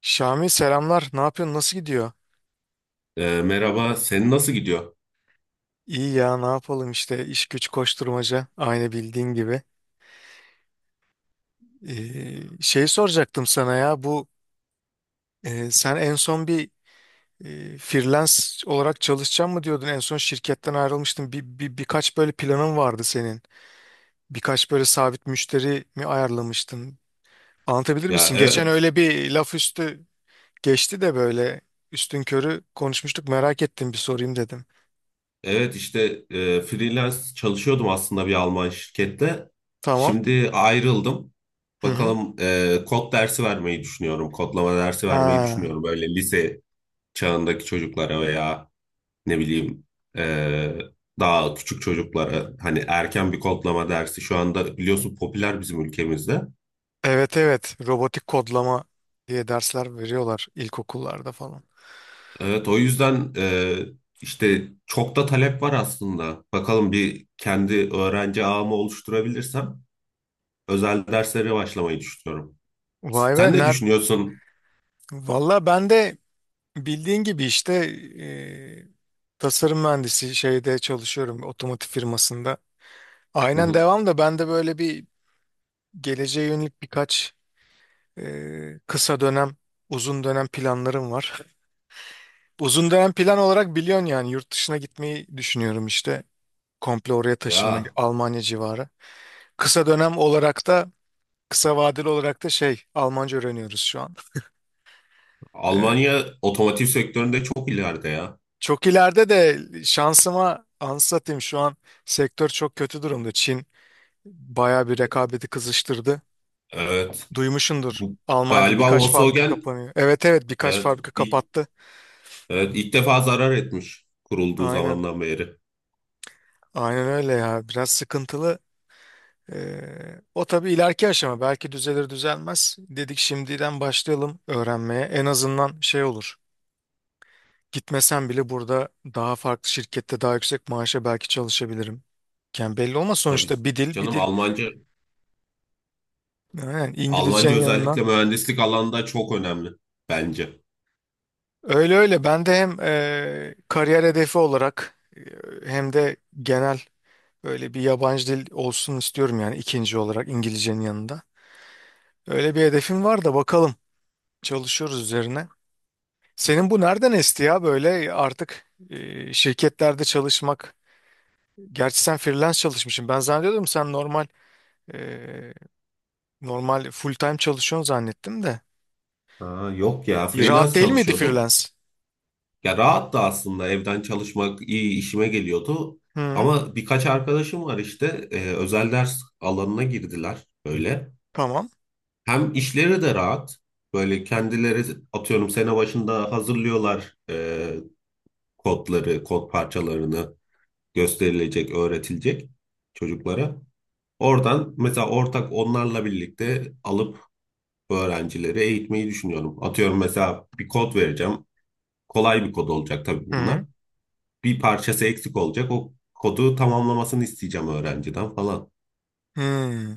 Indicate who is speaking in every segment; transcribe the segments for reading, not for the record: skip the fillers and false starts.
Speaker 1: Şami selamlar. Ne yapıyorsun? Nasıl gidiyor?
Speaker 2: Merhaba, senin nasıl gidiyor?
Speaker 1: İyi ya ne yapalım işte iş güç koşturmaca aynı bildiğin gibi. Şey soracaktım sana ya sen en son freelance olarak çalışacaksın mı diyordun? En son şirketten ayrılmıştın. Birkaç böyle planın vardı senin. Birkaç böyle sabit müşteri mi ayarlamıştın? Anlatabilir
Speaker 2: Ya
Speaker 1: misin? Geçen
Speaker 2: evet,
Speaker 1: öyle bir laf üstü geçti de böyle üstünkörü konuşmuştuk, merak ettim bir sorayım dedim.
Speaker 2: evet işte freelance çalışıyordum aslında bir Alman şirkette.
Speaker 1: Tamam.
Speaker 2: Şimdi ayrıldım.
Speaker 1: Hı hı.
Speaker 2: Bakalım kod dersi vermeyi düşünüyorum, kodlama dersi vermeyi
Speaker 1: Ha.
Speaker 2: düşünüyorum. Böyle lise çağındaki çocuklara veya ne bileyim, e, daha küçük çocuklara. Hani erken bir kodlama dersi şu anda biliyorsun popüler bizim ülkemizde.
Speaker 1: Evet, evet, robotik kodlama diye dersler veriyorlar ilkokullarda falan.
Speaker 2: Evet, o yüzden işte çok da talep var aslında. Bakalım bir kendi öğrenci ağımı oluşturabilirsem özel derslere başlamayı düşünüyorum.
Speaker 1: Vay be,
Speaker 2: Sen ne düşünüyorsun?
Speaker 1: valla ben de bildiğin gibi işte tasarım mühendisi şeyde çalışıyorum, otomotiv firmasında.
Speaker 2: Hı
Speaker 1: Aynen
Speaker 2: hı.
Speaker 1: devam. Da ben de böyle bir geleceğe yönelik birkaç kısa dönem uzun dönem planlarım var. Uzun dönem plan olarak biliyorsun yani yurt dışına gitmeyi düşünüyorum işte, komple oraya taşınmayı,
Speaker 2: Ya
Speaker 1: Almanya civarı. Kısa dönem olarak da Kısa vadeli olarak da şey, Almanca öğreniyoruz şu an. Ee,
Speaker 2: Almanya otomotiv sektöründe çok ileride ya.
Speaker 1: Çok ileride de şansıma anlatayım, şu an sektör çok kötü durumda. Çin bayağı bir rekabeti kızıştırdı.
Speaker 2: Evet.
Speaker 1: Duymuşsundur,
Speaker 2: Bu,
Speaker 1: Almanya'da
Speaker 2: galiba
Speaker 1: birkaç fabrika
Speaker 2: Volkswagen
Speaker 1: kapanıyor. Evet, evet, birkaç
Speaker 2: evet,
Speaker 1: fabrika
Speaker 2: ilk,
Speaker 1: kapattı.
Speaker 2: evet, ilk defa zarar etmiş kurulduğu
Speaker 1: Aynen,
Speaker 2: zamandan beri.
Speaker 1: aynen öyle ya, biraz sıkıntılı. O tabii ileriki aşama belki düzelir düzelmez. Dedik şimdiden başlayalım öğrenmeye, en azından şey olur. Gitmesem bile burada daha farklı şirkette daha yüksek maaşa belki çalışabilirim. Yani belli olmaz
Speaker 2: Tabii
Speaker 1: sonuçta, bir dil, bir
Speaker 2: canım,
Speaker 1: dil.
Speaker 2: Almanca
Speaker 1: Yani
Speaker 2: Almanca
Speaker 1: İngilizcenin yanına.
Speaker 2: özellikle mühendislik alanında çok önemli bence.
Speaker 1: Öyle öyle, ben de hem kariyer hedefi olarak, hem de genel böyle bir yabancı dil olsun istiyorum yani, ikinci olarak İngilizcenin yanında. Öyle bir hedefim var, da bakalım, çalışıyoruz üzerine. Senin bu nereden esti ya böyle artık şirketlerde çalışmak? Gerçi sen freelance çalışmışsın. Ben zannediyordum sen normal full time çalışıyorsun zannettim de.
Speaker 2: Ha yok ya,
Speaker 1: Rahat
Speaker 2: freelance
Speaker 1: değil miydi
Speaker 2: çalışıyordum.
Speaker 1: freelance?
Speaker 2: Ya rahat da aslında, evden çalışmak iyi işime geliyordu.
Speaker 1: Hı,
Speaker 2: Ama birkaç arkadaşım var işte, özel ders alanına girdiler böyle.
Speaker 1: tamam.
Speaker 2: Hem işleri de rahat. Böyle kendileri atıyorum sene başında hazırlıyorlar, kodları, kod parçalarını gösterilecek, öğretilecek çocuklara. Oradan mesela ortak onlarla birlikte alıp öğrencileri eğitmeyi düşünüyorum. Atıyorum mesela bir kod vereceğim. Kolay bir kod olacak tabii
Speaker 1: Hı
Speaker 2: bunlar.
Speaker 1: hı.
Speaker 2: Bir parçası eksik olacak. O kodu tamamlamasını isteyeceğim öğrenciden falan.
Speaker 1: Hı.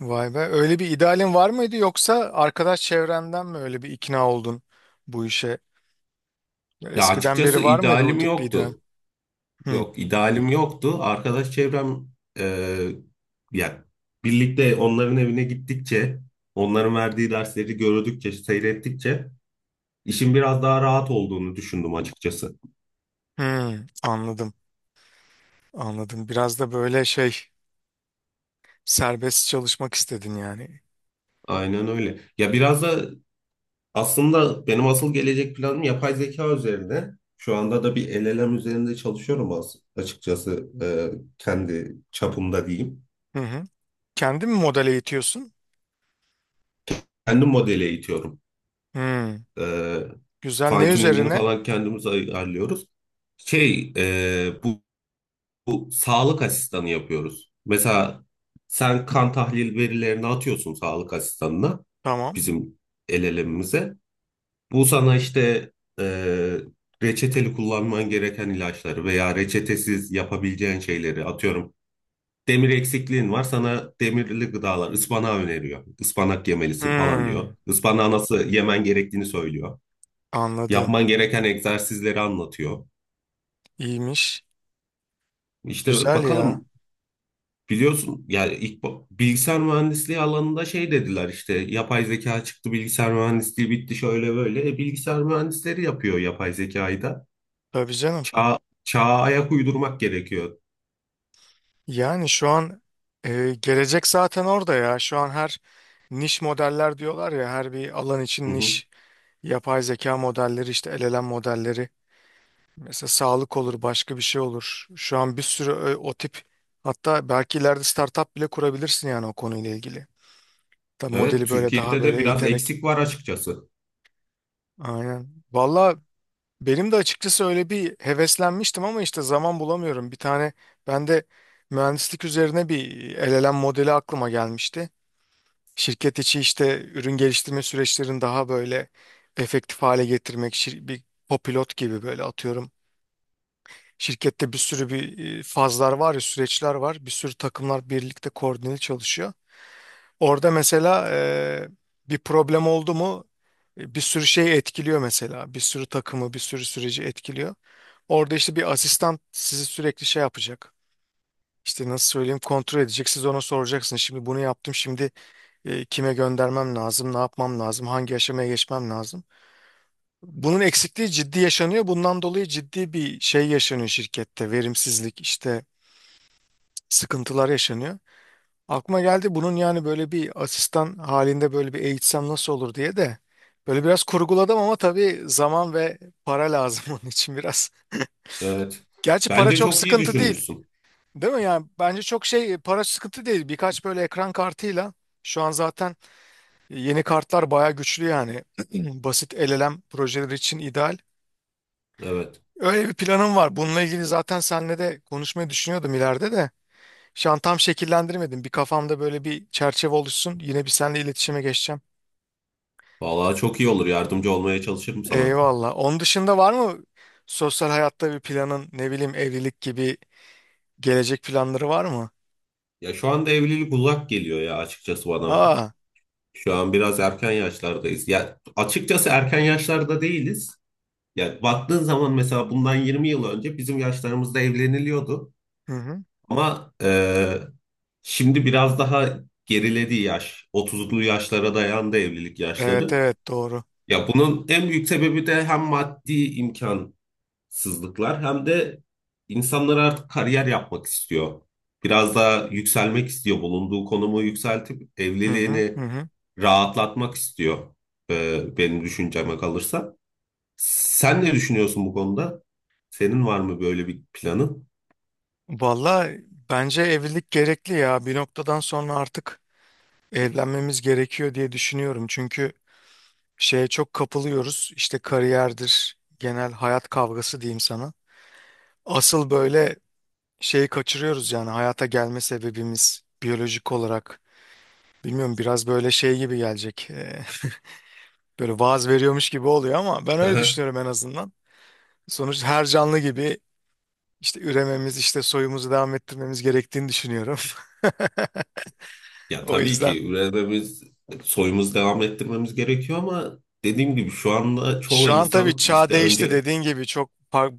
Speaker 1: Vay be. Öyle bir idealin var mıydı, yoksa arkadaş çevrenden mi öyle bir ikna oldun bu işe?
Speaker 2: Ya
Speaker 1: Eskiden beri
Speaker 2: açıkçası
Speaker 1: var mıydı o
Speaker 2: idealim
Speaker 1: tip bir ideal?
Speaker 2: yoktu.
Speaker 1: Hı.
Speaker 2: Yok, idealim yoktu. Arkadaş çevrem, e, ya birlikte onların evine gittikçe, onların verdiği dersleri gördükçe, seyrettikçe işin biraz daha rahat olduğunu düşündüm açıkçası.
Speaker 1: Hı. Anladım. Anladım. Biraz da böyle şey, serbest çalışmak istedin yani.
Speaker 2: Aynen öyle. Ya biraz da aslında benim asıl gelecek planım yapay zeka üzerine. Şu anda da bir LLM üzerinde çalışıyorum açıkçası, kendi çapımda diyeyim.
Speaker 1: Hı hı. Kendin mi model eğitiyorsun?
Speaker 2: Kendi modeli eğitiyorum.
Speaker 1: Hı.
Speaker 2: E,
Speaker 1: Güzel.
Speaker 2: Fine
Speaker 1: Ne
Speaker 2: tuning'ini
Speaker 1: üzerine?
Speaker 2: falan kendimiz ayarlıyoruz. Şey e, bu, Bu sağlık asistanı yapıyoruz. Mesela sen kan tahlil verilerini atıyorsun sağlık asistanına,
Speaker 1: Tamam.
Speaker 2: bizim LLM'imize. Bu sana işte, e, reçeteli kullanman gereken ilaçları veya reçetesiz yapabileceğin şeyleri atıyorum. Demir eksikliğin var, sana demirli gıdalar ıspanağı öneriyor. Ispanak yemelisin falan diyor.
Speaker 1: Hı.
Speaker 2: Ispanağı nasıl yemen gerektiğini söylüyor.
Speaker 1: Anladım.
Speaker 2: Yapman gereken egzersizleri anlatıyor.
Speaker 1: İyiymiş.
Speaker 2: İşte
Speaker 1: Güzel ya.
Speaker 2: bakalım, biliyorsun yani ilk bilgisayar mühendisliği alanında şey dediler işte, yapay zeka çıktı, bilgisayar mühendisliği bitti şöyle böyle. E, bilgisayar mühendisleri yapıyor yapay zekayı da.
Speaker 1: Tabii canım.
Speaker 2: Çağ, çağa ayak uydurmak gerekiyor.
Speaker 1: Yani şu an gelecek zaten orada ya. Şu an her niş modeller diyorlar ya, her bir alan
Speaker 2: Hı
Speaker 1: için
Speaker 2: hı.
Speaker 1: niş yapay zeka modelleri, işte LLM modelleri. Mesela sağlık olur, başka bir şey olur. Şu an bir sürü o tip, hatta belki ileride startup bile kurabilirsin yani o konuyla ilgili. Da
Speaker 2: Evet,
Speaker 1: modeli böyle daha
Speaker 2: Türkiye'de de
Speaker 1: böyle
Speaker 2: biraz
Speaker 1: eğiterek.
Speaker 2: eksik var açıkçası.
Speaker 1: Aynen. Valla benim de açıkçası öyle bir heveslenmiştim ama işte zaman bulamıyorum. Bir tane ben de mühendislik üzerine bir LLM modeli aklıma gelmişti. Şirket içi işte ürün geliştirme süreçlerini daha böyle efektif hale getirmek, bir kopilot gibi böyle, atıyorum. Şirkette bir sürü fazlar var ya, süreçler var. Bir sürü takımlar birlikte koordineli çalışıyor. Orada mesela bir problem oldu mu, bir sürü şey etkiliyor mesela. Bir sürü takımı, bir sürü süreci etkiliyor. Orada işte bir asistan sizi sürekli şey yapacak. İşte nasıl söyleyeyim, kontrol edecek. Siz ona soracaksınız. Şimdi bunu yaptım. Şimdi kime göndermem lazım? Ne yapmam lazım? Hangi aşamaya geçmem lazım? Bunun eksikliği ciddi yaşanıyor. Bundan dolayı ciddi bir şey yaşanıyor şirkette. Verimsizlik işte, sıkıntılar yaşanıyor. Aklıma geldi bunun, yani böyle bir asistan halinde böyle bir eğitsem nasıl olur diye de böyle biraz kurguladım, ama tabii zaman ve para lazım onun için biraz.
Speaker 2: Evet.
Speaker 1: Gerçi para
Speaker 2: Bence
Speaker 1: çok
Speaker 2: çok iyi
Speaker 1: sıkıntı değil.
Speaker 2: düşünmüşsün.
Speaker 1: Değil mi yani, bence çok şey, para sıkıntı değil, birkaç böyle ekran kartıyla şu an zaten yeni kartlar bayağı güçlü yani basit LLM projeleri için ideal.
Speaker 2: Evet.
Speaker 1: Öyle bir planım var bununla ilgili, zaten seninle de konuşmayı düşünüyordum ileride de. Şu an tam şekillendirmedim, bir kafamda böyle bir çerçeve oluşsun, yine bir seninle iletişime geçeceğim.
Speaker 2: Vallahi çok iyi olur. Yardımcı olmaya çalışırım sana.
Speaker 1: Eyvallah. Onun dışında var mı sosyal hayatta bir planın, ne bileyim evlilik gibi gelecek planları var mı?
Speaker 2: Ya şu anda evlilik uzak geliyor ya açıkçası bana.
Speaker 1: Aa,
Speaker 2: Şu an biraz erken yaşlardayız. Ya açıkçası erken yaşlarda değiliz. Ya baktığın zaman mesela bundan 20 yıl önce bizim yaşlarımızda evleniliyordu.
Speaker 1: hı hı.
Speaker 2: Ama şimdi biraz daha geriledi yaş. 30'lu yaşlara dayandı evlilik
Speaker 1: Evet,
Speaker 2: yaşları.
Speaker 1: evet, doğru.
Speaker 2: Ya bunun en büyük sebebi de hem maddi imkansızlıklar hem de insanlar artık kariyer yapmak istiyor. Biraz daha yükselmek istiyor. Bulunduğu konumu yükseltip
Speaker 1: Hı hı, hı
Speaker 2: evliliğini
Speaker 1: hı.
Speaker 2: rahatlatmak istiyor. Benim düşünceme kalırsa. Sen ne düşünüyorsun bu konuda? Senin var mı böyle bir planın?
Speaker 1: Valla, bence evlilik gerekli ya. Bir noktadan sonra artık evlenmemiz gerekiyor diye düşünüyorum. Çünkü şeye çok kapılıyoruz, İşte kariyerdir, genel hayat kavgası diyeyim sana. Asıl böyle şeyi kaçırıyoruz yani, hayata gelme sebebimiz biyolojik olarak. Bilmiyorum, biraz böyle şey gibi gelecek. Böyle vaaz veriyormuş gibi oluyor ama ben öyle
Speaker 2: Aha.
Speaker 1: düşünüyorum en azından. Sonuç her canlı gibi işte ürememiz, işte soyumuzu devam ettirmemiz gerektiğini düşünüyorum.
Speaker 2: Ya
Speaker 1: O
Speaker 2: tabii
Speaker 1: yüzden.
Speaker 2: ki üretmemiz, soyumuz devam ettirmemiz gerekiyor ama dediğim gibi şu anda çoğu
Speaker 1: Şu an tabii
Speaker 2: insan
Speaker 1: çağ
Speaker 2: işte
Speaker 1: değişti
Speaker 2: önce.
Speaker 1: dediğin gibi,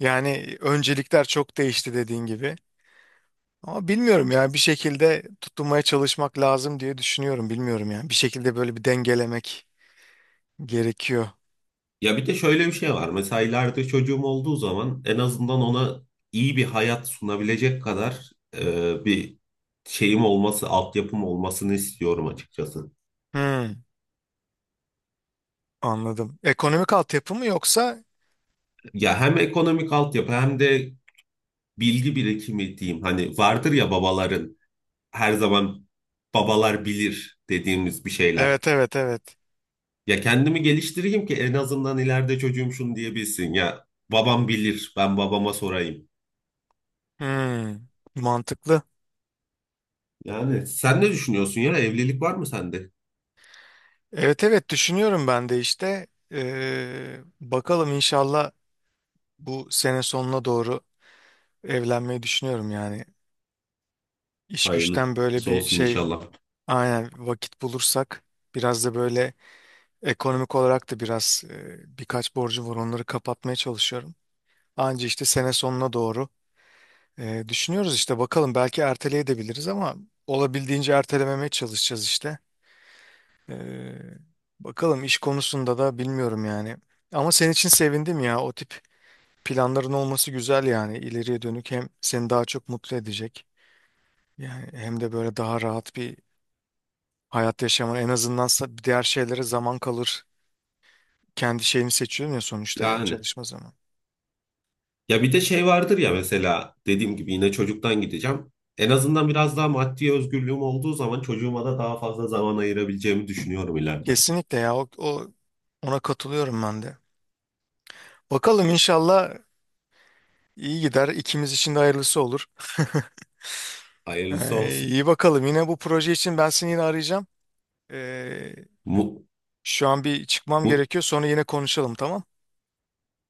Speaker 1: yani öncelikler çok değişti dediğin gibi. Ama bilmiyorum ya, bir şekilde tutunmaya çalışmak lazım diye düşünüyorum. Bilmiyorum yani, bir şekilde böyle bir dengelemek gerekiyor.
Speaker 2: Ya bir de şöyle bir şey var. Mesela ileride çocuğum olduğu zaman en azından ona iyi bir hayat sunabilecek kadar, bir şeyim olması, altyapım olmasını istiyorum açıkçası.
Speaker 1: Hmm, anladım. Ekonomik altyapı mı yoksa?
Speaker 2: Ya hem ekonomik altyapı hem de bilgi birikimi diyeyim. Hani vardır ya babaların, her zaman babalar bilir dediğimiz bir şeyler.
Speaker 1: Evet, evet, evet.
Speaker 2: Ya kendimi geliştireyim ki en azından ileride çocuğum şunu diyebilsin. Ya babam bilir, ben babama sorayım.
Speaker 1: Hmm, mantıklı.
Speaker 2: Yani sen ne düşünüyorsun ya? Evlilik var mı sende?
Speaker 1: Evet, evet, düşünüyorum ben de işte. Bakalım, inşallah bu sene sonuna doğru evlenmeyi düşünüyorum yani. İş güçten böyle
Speaker 2: Hayırlısı
Speaker 1: bir
Speaker 2: olsun
Speaker 1: şey.
Speaker 2: inşallah.
Speaker 1: Aynen, vakit bulursak, biraz da böyle ekonomik olarak da biraz, birkaç borcu var, onları kapatmaya çalışıyorum. Anca işte sene sonuna doğru düşünüyoruz işte, bakalım belki erteleyebiliriz ama olabildiğince ertelememeye çalışacağız işte. E, Bakalım, iş konusunda da bilmiyorum yani. Ama senin için sevindim ya, o tip planların olması güzel yani, ileriye dönük hem seni daha çok mutlu edecek yani, hem de böyle daha rahat bir hayat yaşaman, en azından diğer şeylere zaman kalır, kendi şeyini seçiyorum ya sonuçta, yani
Speaker 2: Yani
Speaker 1: çalışma zamanı.
Speaker 2: ya bir de şey vardır ya, mesela dediğim gibi yine çocuktan gideceğim. En azından biraz daha maddi özgürlüğüm olduğu zaman çocuğuma da daha fazla zaman ayırabileceğimi düşünüyorum ileride.
Speaker 1: Kesinlikle ya, ona katılıyorum ben de. Bakalım inşallah iyi gider, İkimiz için de hayırlısı olur.
Speaker 2: Hayırlısı olsun.
Speaker 1: İyi bakalım. Yine bu proje için ben seni yine arayacağım. Ee,
Speaker 2: Mut,
Speaker 1: Şu an bir çıkmam
Speaker 2: mut,
Speaker 1: gerekiyor. Sonra yine konuşalım, tamam?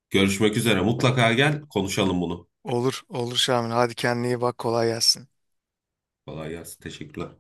Speaker 2: görüşmek üzere. Mutlaka gel konuşalım bunu.
Speaker 1: Olur, olur Şamil. Hadi kendine iyi bak. Kolay gelsin.
Speaker 2: Kolay gelsin. Teşekkürler.